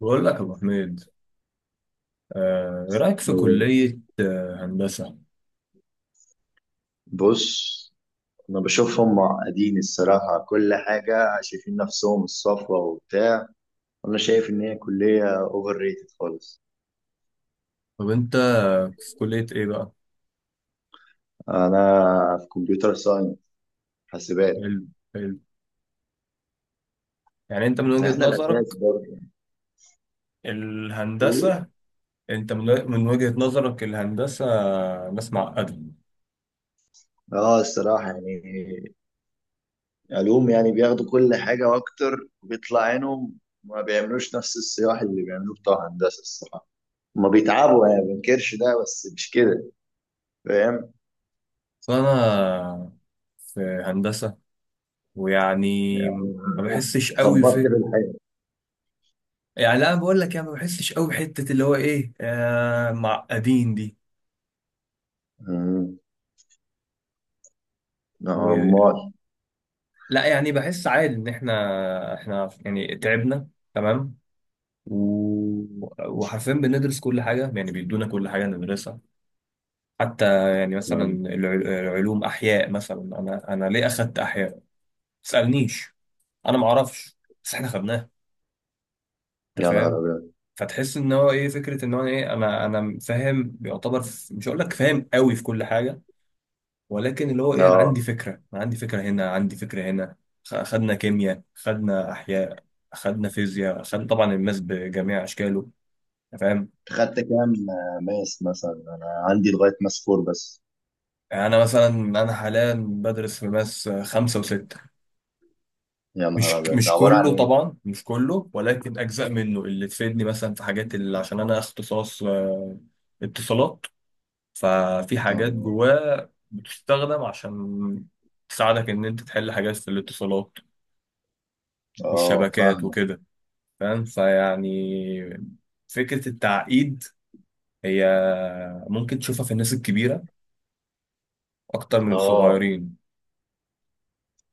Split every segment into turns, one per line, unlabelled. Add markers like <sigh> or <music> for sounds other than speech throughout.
بقول لك يا ابو حميد. ايه رايك في كليه هندسه؟
بص، انا بشوف هم قاعدين الصراحه كل حاجه، شايفين نفسهم الصفوه وبتاع. انا شايف ان هي كليه اوفر ريتد خالص.
طب انت في كليه ايه بقى؟
انا في كمبيوتر ساينس، حاسبات.
حلو حلو. يعني انت من وجهه
احنا
نظرك
الاساس برضه. إيه؟
الهندسه، انت من وجهه نظرك الهندسه ناس معقده؟
اه الصراحه يعني علوم، يعني بياخدوا كل حاجه واكتر وبيطلع عينهم. ما بيعملوش نفس الصياح اللي بيعملوه بتوع هندسه الصراحه. ما بيتعبوا يعني، ما بنكرش ده، بس مش كده، فاهم؟
فانا في هندسه ويعني
يعني
ما بحسش قوي
خبطت
في،
في
يعني لا أنا بقول لك يعني ما بحسش قوي بحته اللي هو ايه معقدين دي.
الحياه
و...
عمال
لا يعني بحس عادي ان احنا يعني تعبنا تمام. و... وحرفيا بندرس كل حاجة، يعني بيدونا كل حاجة ندرسها، حتى يعني مثلا
آه،
العلوم أحياء، مثلا أنا ليه أخدت أحياء؟ ما تسألنيش، أنا ما أعرفش، بس إحنا خدناها. أنت
يا نهار
فاهم؟
أبيض.
فتحس إن هو إيه، فكرة إن هو إيه، أنا فاهم يعتبر مش هقول لك فاهم قوي في كل حاجة، ولكن اللي هو إيه، أنا عندي
اه،
فكرة، أنا عندي فكرة هنا، عندي فكرة هنا. خدنا كيمياء، خدنا أحياء، خدنا فيزياء، خدنا طبعا الماس بجميع أشكاله. أنت فاهم.
خدت كام ماس مثلا؟ أنا عندي لغاية ماس 4 بس.
يعني أنا مثلا أنا حاليا بدرس في ماس 5 و6.
يا نهار
مش
أبيض، ده
مش
عبارة عن
كله
إيه ده؟
طبعا، مش كله، ولكن أجزاء منه اللي تفيدني مثلا في حاجات، اللي عشان أنا اختصاص اتصالات، ففي حاجات
اه.
جواه بتستخدم عشان تساعدك إن أنت تحل حاجات في الاتصالات والشبكات
فاهمك.
وكده. فاهم، فيعني فكرة التعقيد هي ممكن تشوفها في الناس الكبيرة أكتر من
اه،
الصغيرين،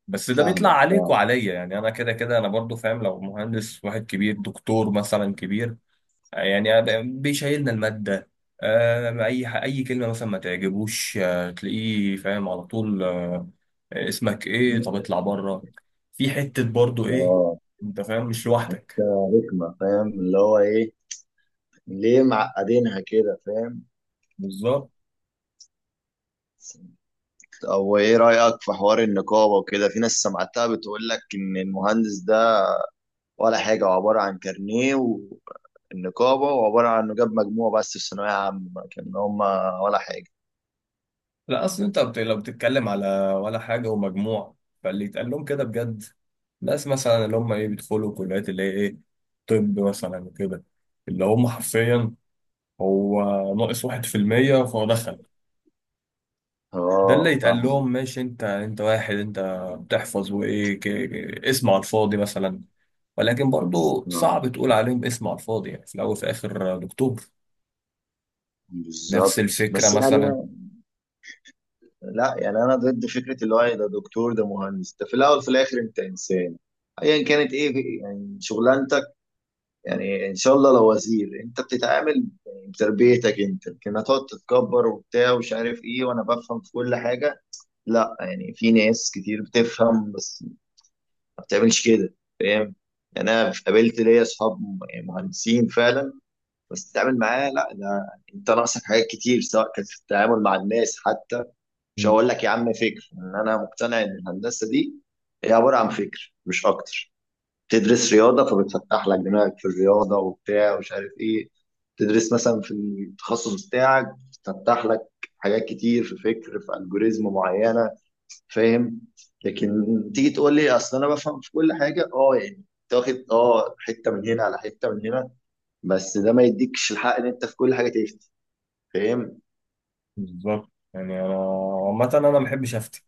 بس ده بيطلع
فاهمك
عليك
فاهمك.
وعليا. يعني انا كده كده انا برضو فاهم لو مهندس واحد كبير، دكتور مثلا كبير، يعني أنا بيشيلنا المادة، اي كلمة مثلا ما تعجبوش، تلاقيه فاهم على طول، اسمك ايه، طب اطلع بره. في حتة برضو ايه،
اه
انت فاهم، مش لوحدك.
حتة رخمة، فاهم اللي هو إيه؟ ليه معقدينها كده، فاهم؟
بالظبط.
أو إيه رأيك في حوار النقابة وكده؟ في ناس سمعتها بتقول لك إن المهندس ده ولا حاجة، هو عبارة عن كارنيه النقابة، وعبارة عن إنه جاب مجموع بس في ثانوية عامة، كان هما ولا حاجة.
لا اصل انت لو بتتكلم على ولا حاجة ومجموع، فاللي يتقال لهم كده بجد ناس مثلا اللي هم ايه بيدخلوا كليات اللي هي ايه، طب مثلا وكده، اللي هم حرفيا هو ناقص 1% فهو دخل، ده اللي
اه،
يتقال
فاهمك.
لهم ماشي. انت انت واحد، انت بتحفظ وايه، اسم على الفاضي مثلا، ولكن برضو
آه،
صعب تقول عليهم اسم على الفاضي يعني، في الاول وفي الاخر دكتور، نفس
بالظبط
الفكرة
بس يعني.
مثلا.
لا يعني أنا ضد فكرة اللي هو إيه، ده دكتور ده مهندس، ده في الأول في الآخر أنت إنسان أيا كانت إيه يعني شغلانتك. يعني إن شاء الله لو وزير، أنت بتتعامل يعني بتربيتك أنت، لكن هتقعد تتكبر وبتاع ومش عارف إيه وأنا بفهم في كل حاجة. لا يعني في ناس كتير بتفهم، بس ما بتعملش كده. يعني انا قابلت ليا اصحاب مهندسين فعلا، بس تتعامل معاه، لا ده انت ناقصك حاجات كتير، سواء كانت في التعامل مع الناس حتى. مش
مم.
هقول لك يا عم فكر ان انا مقتنع ان الهندسه دي هي عباره عن فكر مش اكتر. تدرس رياضه فبتفتح لك دماغك في الرياضه وبتاع ومش عارف ايه. تدرس مثلا في التخصص بتاعك، بتفتح لك حاجات كتير في فكر في الجوريزم معينه، فاهم؟ لكن تيجي تقول لي اصل انا بفهم في كل حاجه، اه يعني تاخد اه حته من هنا على حته من هنا، بس ده ما يديكش الحق ان انت في كل حاجه تفتي، فاهم؟
بالظبط. يعني انا عامة انا ما بحبش افتي،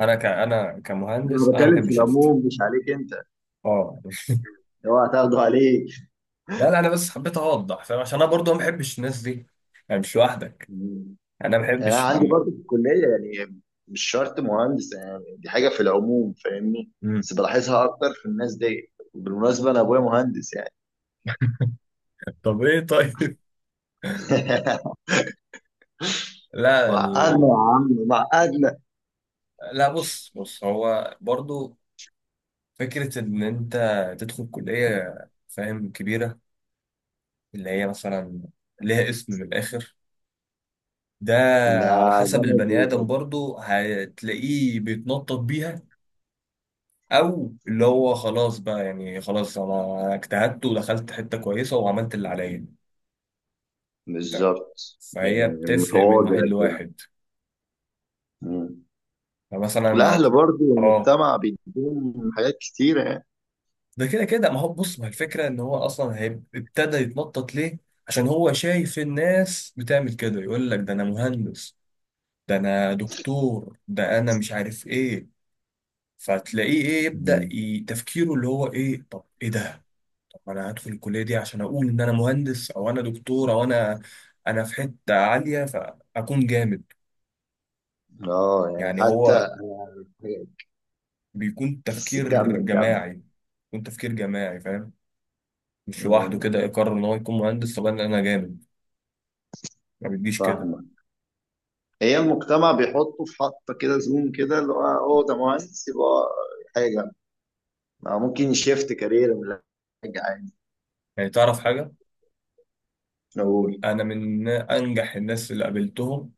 انا
انا
كمهندس انا ما
بتكلم في
بحبش افتي.
العموم مش عليك انت.
اه.
اوعى تاخده عليك.
لا لا، انا بس حبيت اوضح، فاهم، عشان انا برضو ما بحبش الناس دي، يعني مش لوحدك.
مم.
انا ما
انا
بحبش
عندي
لما.
برضه في الكليه يعني، مش شرط مهندس، يعني دي حاجه في العموم، فاهمني؟
مم.
بس بلاحظها اكتر في الناس دي. بالمناسبه انا ابويا مهندس يعني.
<laughs> طب ايه طيب.
<laughs>
<laughs> لا
وعقدنا يا
يعني.
عم، وعقدنا.
لا بص بص، هو برضو فكرة إن أنت تدخل كلية فاهم كبيرة، اللي هي مثلا ليها اسم من الآخر، ده
ده
على حسب
جامعه
البني آدم،
ايه؟
برضو هتلاقيه بيتنطط بيها، أو اللي هو خلاص بقى، يعني خلاص أنا اجتهدت ودخلت حتة كويسة وعملت اللي عليا. أنت.
بالظبط
فهي
يعني
بتفرق من
متواضع
واحد
كده.
لواحد.
مم.
فمثلا
والأهل برضو
اه،
والمجتمع بيديهم حاجات كتيرة يعني.
ده كده كده، ما هو بص، ما الفكرة ان هو اصلا ابتدى يتنطط ليه، عشان هو شايف الناس بتعمل كده، يقول لك ده انا مهندس، ده انا دكتور، ده انا مش عارف ايه، فتلاقيه ايه يبدأ
مم.
تفكيره اللي هو ايه، طب ايه ده؟ طب انا هدخل الكلية دي عشان اقول ان انا مهندس او انا دكتور او انا، انا في حتة عالية فاكون جامد.
اه يعني
يعني
حتى.
هو بيكون
بس
تفكير
كمل كمل.
جماعي، بيكون تفكير جماعي، فاهم؟ مش لوحده
مم.
كده يقرر ان هو يكون مهندس، طب أنا جامد، ما بتجيش كده.
فاهمة. هي المجتمع بيحطه في حطة كده زوم كده، اللي هو هو ده مهندس يبقى حاجة، ما ممكن يشيفت كارير من حاجة عادي
يعني تعرف حاجة،
نقول.
أنا من أنجح الناس اللي قابلتهم،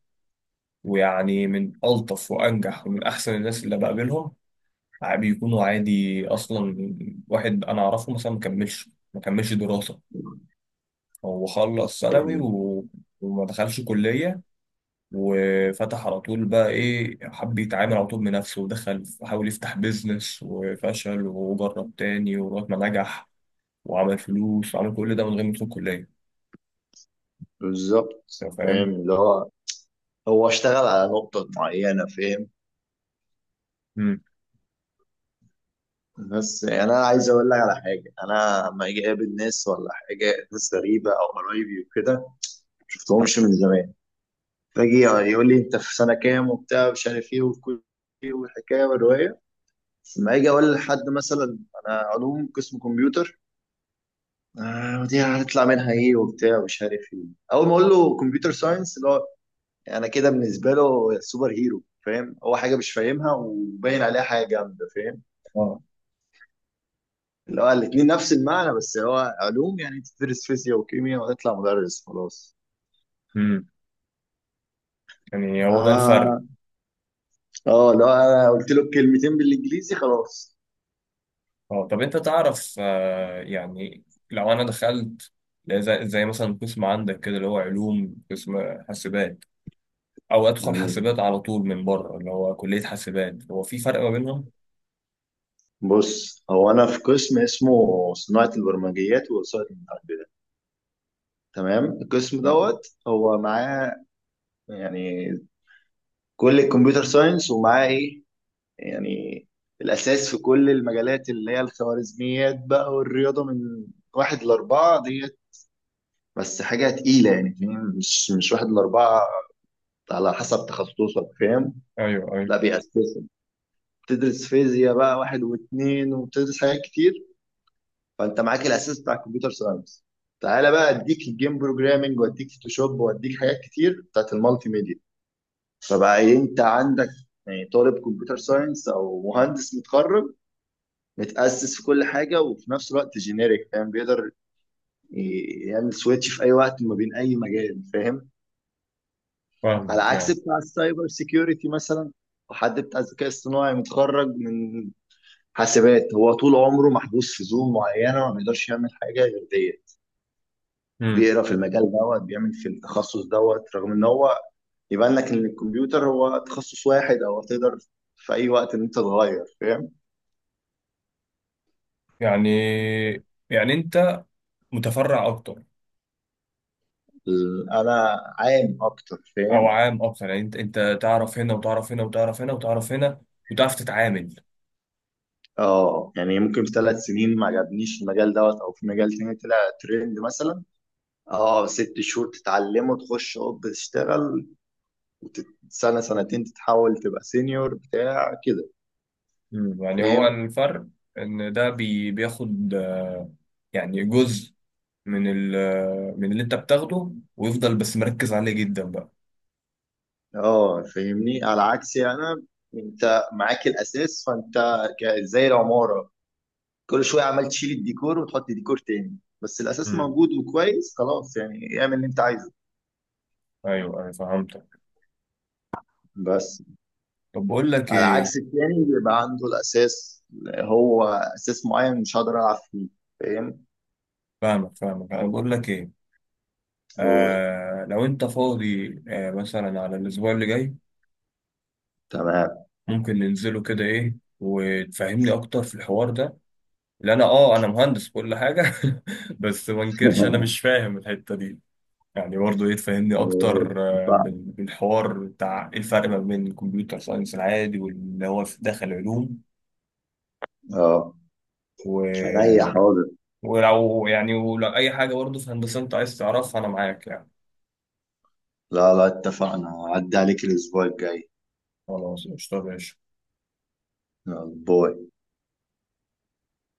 ويعني من ألطف وأنجح ومن أحسن الناس اللي بقابلهم، بيكونوا عادي أصلا. واحد أنا أعرفه مثلا ما كملش دراسة، هو خلص ثانوي
مم.
وما دخلش كلية، وفتح على طول بقى إيه، حب يتعامل على طول بنفسه ودخل، وحاول يفتح بيزنس وفشل، وجرب تاني ولغاية ما نجح وعمل فلوس، وعمل كل ده من غير ما يدخل كلية.
بالظبط، فاهم
فاهم؟
اللي هو هو اشتغل على نقطة معينة، فاهم؟
مم.
بس يعني انا عايز اقول لك على حاجه، انا لما اجي اقابل ناس ولا حاجه، ناس غريبه او قرايبي وكده ما شفتهمش من زمان، فاجي يقول لي انت في سنه كام وبتاع مش عارف ايه والحكايه والروايه. لما اجي اقول لحد مثلا انا علوم قسم كمبيوتر، آه دي هتطلع منها ايه وبتاع مش عارف ايه. اول ما اقول له كمبيوتر ساينس اللي هو، يعني انا كده بالنسبه له سوبر هيرو، فاهم؟ هو حاجه مش فاهمها وباين عليها حاجه جامده، فاهم؟
اه.
اللي هو الاتنين نفس المعنى، بس هو علوم يعني تدرس فيزياء وكيمياء وتطلع مدرس خلاص.
مم. يعني هو ده الفرق؟
اه. اه لو انا قلت له كلمتين بالانجليزي خلاص.
اه، طب انت تعرف، يعني لو انا دخلت زي مثلا قسم عندك كده اللي هو علوم قسم حاسبات، او ادخل
مم.
حاسبات على طول من بره اللي هو كلية حاسبات، هو في فرق ما بينهم؟
بص، هو انا في قسم اسمه صناعة البرمجيات ووسائل المعلومات، تمام؟ القسم دوت هو معاه يعني كل الكمبيوتر ساينس، ومعاه ايه يعني الاساس في كل المجالات، اللي هي الخوارزميات بقى والرياضة من واحد لأربعة دي. بس حاجه تقيله يعني، فاهم؟ مش واحد لاربعه، على حسب تخصصك، فاهم؟
ايوه ايوه،
لا بيأسسوا، بتدرس فيزياء بقى واحد واثنين، وبتدرس حاجات كتير. فانت معاك الاساس بتاع الكمبيوتر ساينس، تعالى بقى اديك الجيم بروجرامنج واديك فوتوشوب واديك حاجات كتير بتاعت المالتي ميديا. فبقى انت عندك يعني طالب كمبيوتر ساينس او مهندس متخرج، متأسس في كل حاجه وفي نفس الوقت جينيريك، فاهم؟ بيقدر يعمل سويتش في اي وقت ما بين اي مجال، فاهم؟ على
فاهمك
عكس
يعني.
بتاع السايبر سيكيورتي مثلا، حد بتاع الذكاء الصناعي متخرج من حاسبات، هو طول عمره محبوس في زون معينه، ما بيقدرش يعمل حاجه غير ديت.
امم.
بيقرا في المجال دوت، بيعمل في التخصص دوت، رغم ان هو يبان لك ان الكمبيوتر هو تخصص واحد، او تقدر في اي وقت ان انت تغير، فاهم؟
يعني يعني انت متفرع اكتر،
انا عام اكتر،
او
فاهم؟
عام اكتر، يعني انت تعرف هنا وتعرف هنا وتعرف هنا وتعرف هنا، وتعرف تتعامل.
اه يعني ممكن في 3 سنين ما عجبنيش المجال دوت، او في مجال تاني طلع ترند مثلا، اه 6 شهور تتعلمه تخش اوب تشتغل، وسنة سنتين تتحول تبقى سينيور بتاع كده،
مم. يعني هو
فاهم؟
الفرق ان ده بياخد، يعني جزء من من اللي انت بتاخده، ويفضل بس مركز عليه جدا بقى.
اه فاهمني. على عكسي انا، انت معاك الاساس فانت زي العمارة، كل شوية عمال تشيل الديكور وتحط ديكور تاني، بس الاساس
امم.
موجود وكويس خلاص يعني اعمل اللي انت عايزه.
ايوه ايوه، فهمتك.
بس
طب بقول لك
على
ايه،
عكس التاني، بيبقى عنده الاساس، هو اساس معين مش هقدر العب فيه، فاهم؟
فاهمك فاهمك، انا بقول لك ايه،
هو
لو انت فاضي، مثلا على الاسبوع اللي جاي،
تمام.
ممكن ننزله كده ايه وتفهمني اكتر في الحوار ده، لان انا مهندس كل حاجه، <laughs> بس ما انكرش انا
<laughs>
مش فاهم الحته دي، يعني برضه ايه، تفهمني
هو
اكتر
صح.
بالحوار بتاع ايه الفرق ما بين الكمبيوتر ساينس العادي واللي هو في داخل علوم.
اه عينيا حاضر.
ولو أي حاجة برضه في هندسة أنت عايز تعرفها أنا معاك يعني.
لا لا اتفقنا. عدى عليك الأسبوع الجاي.
خلاص قشطة يا باشا.
يلا باي.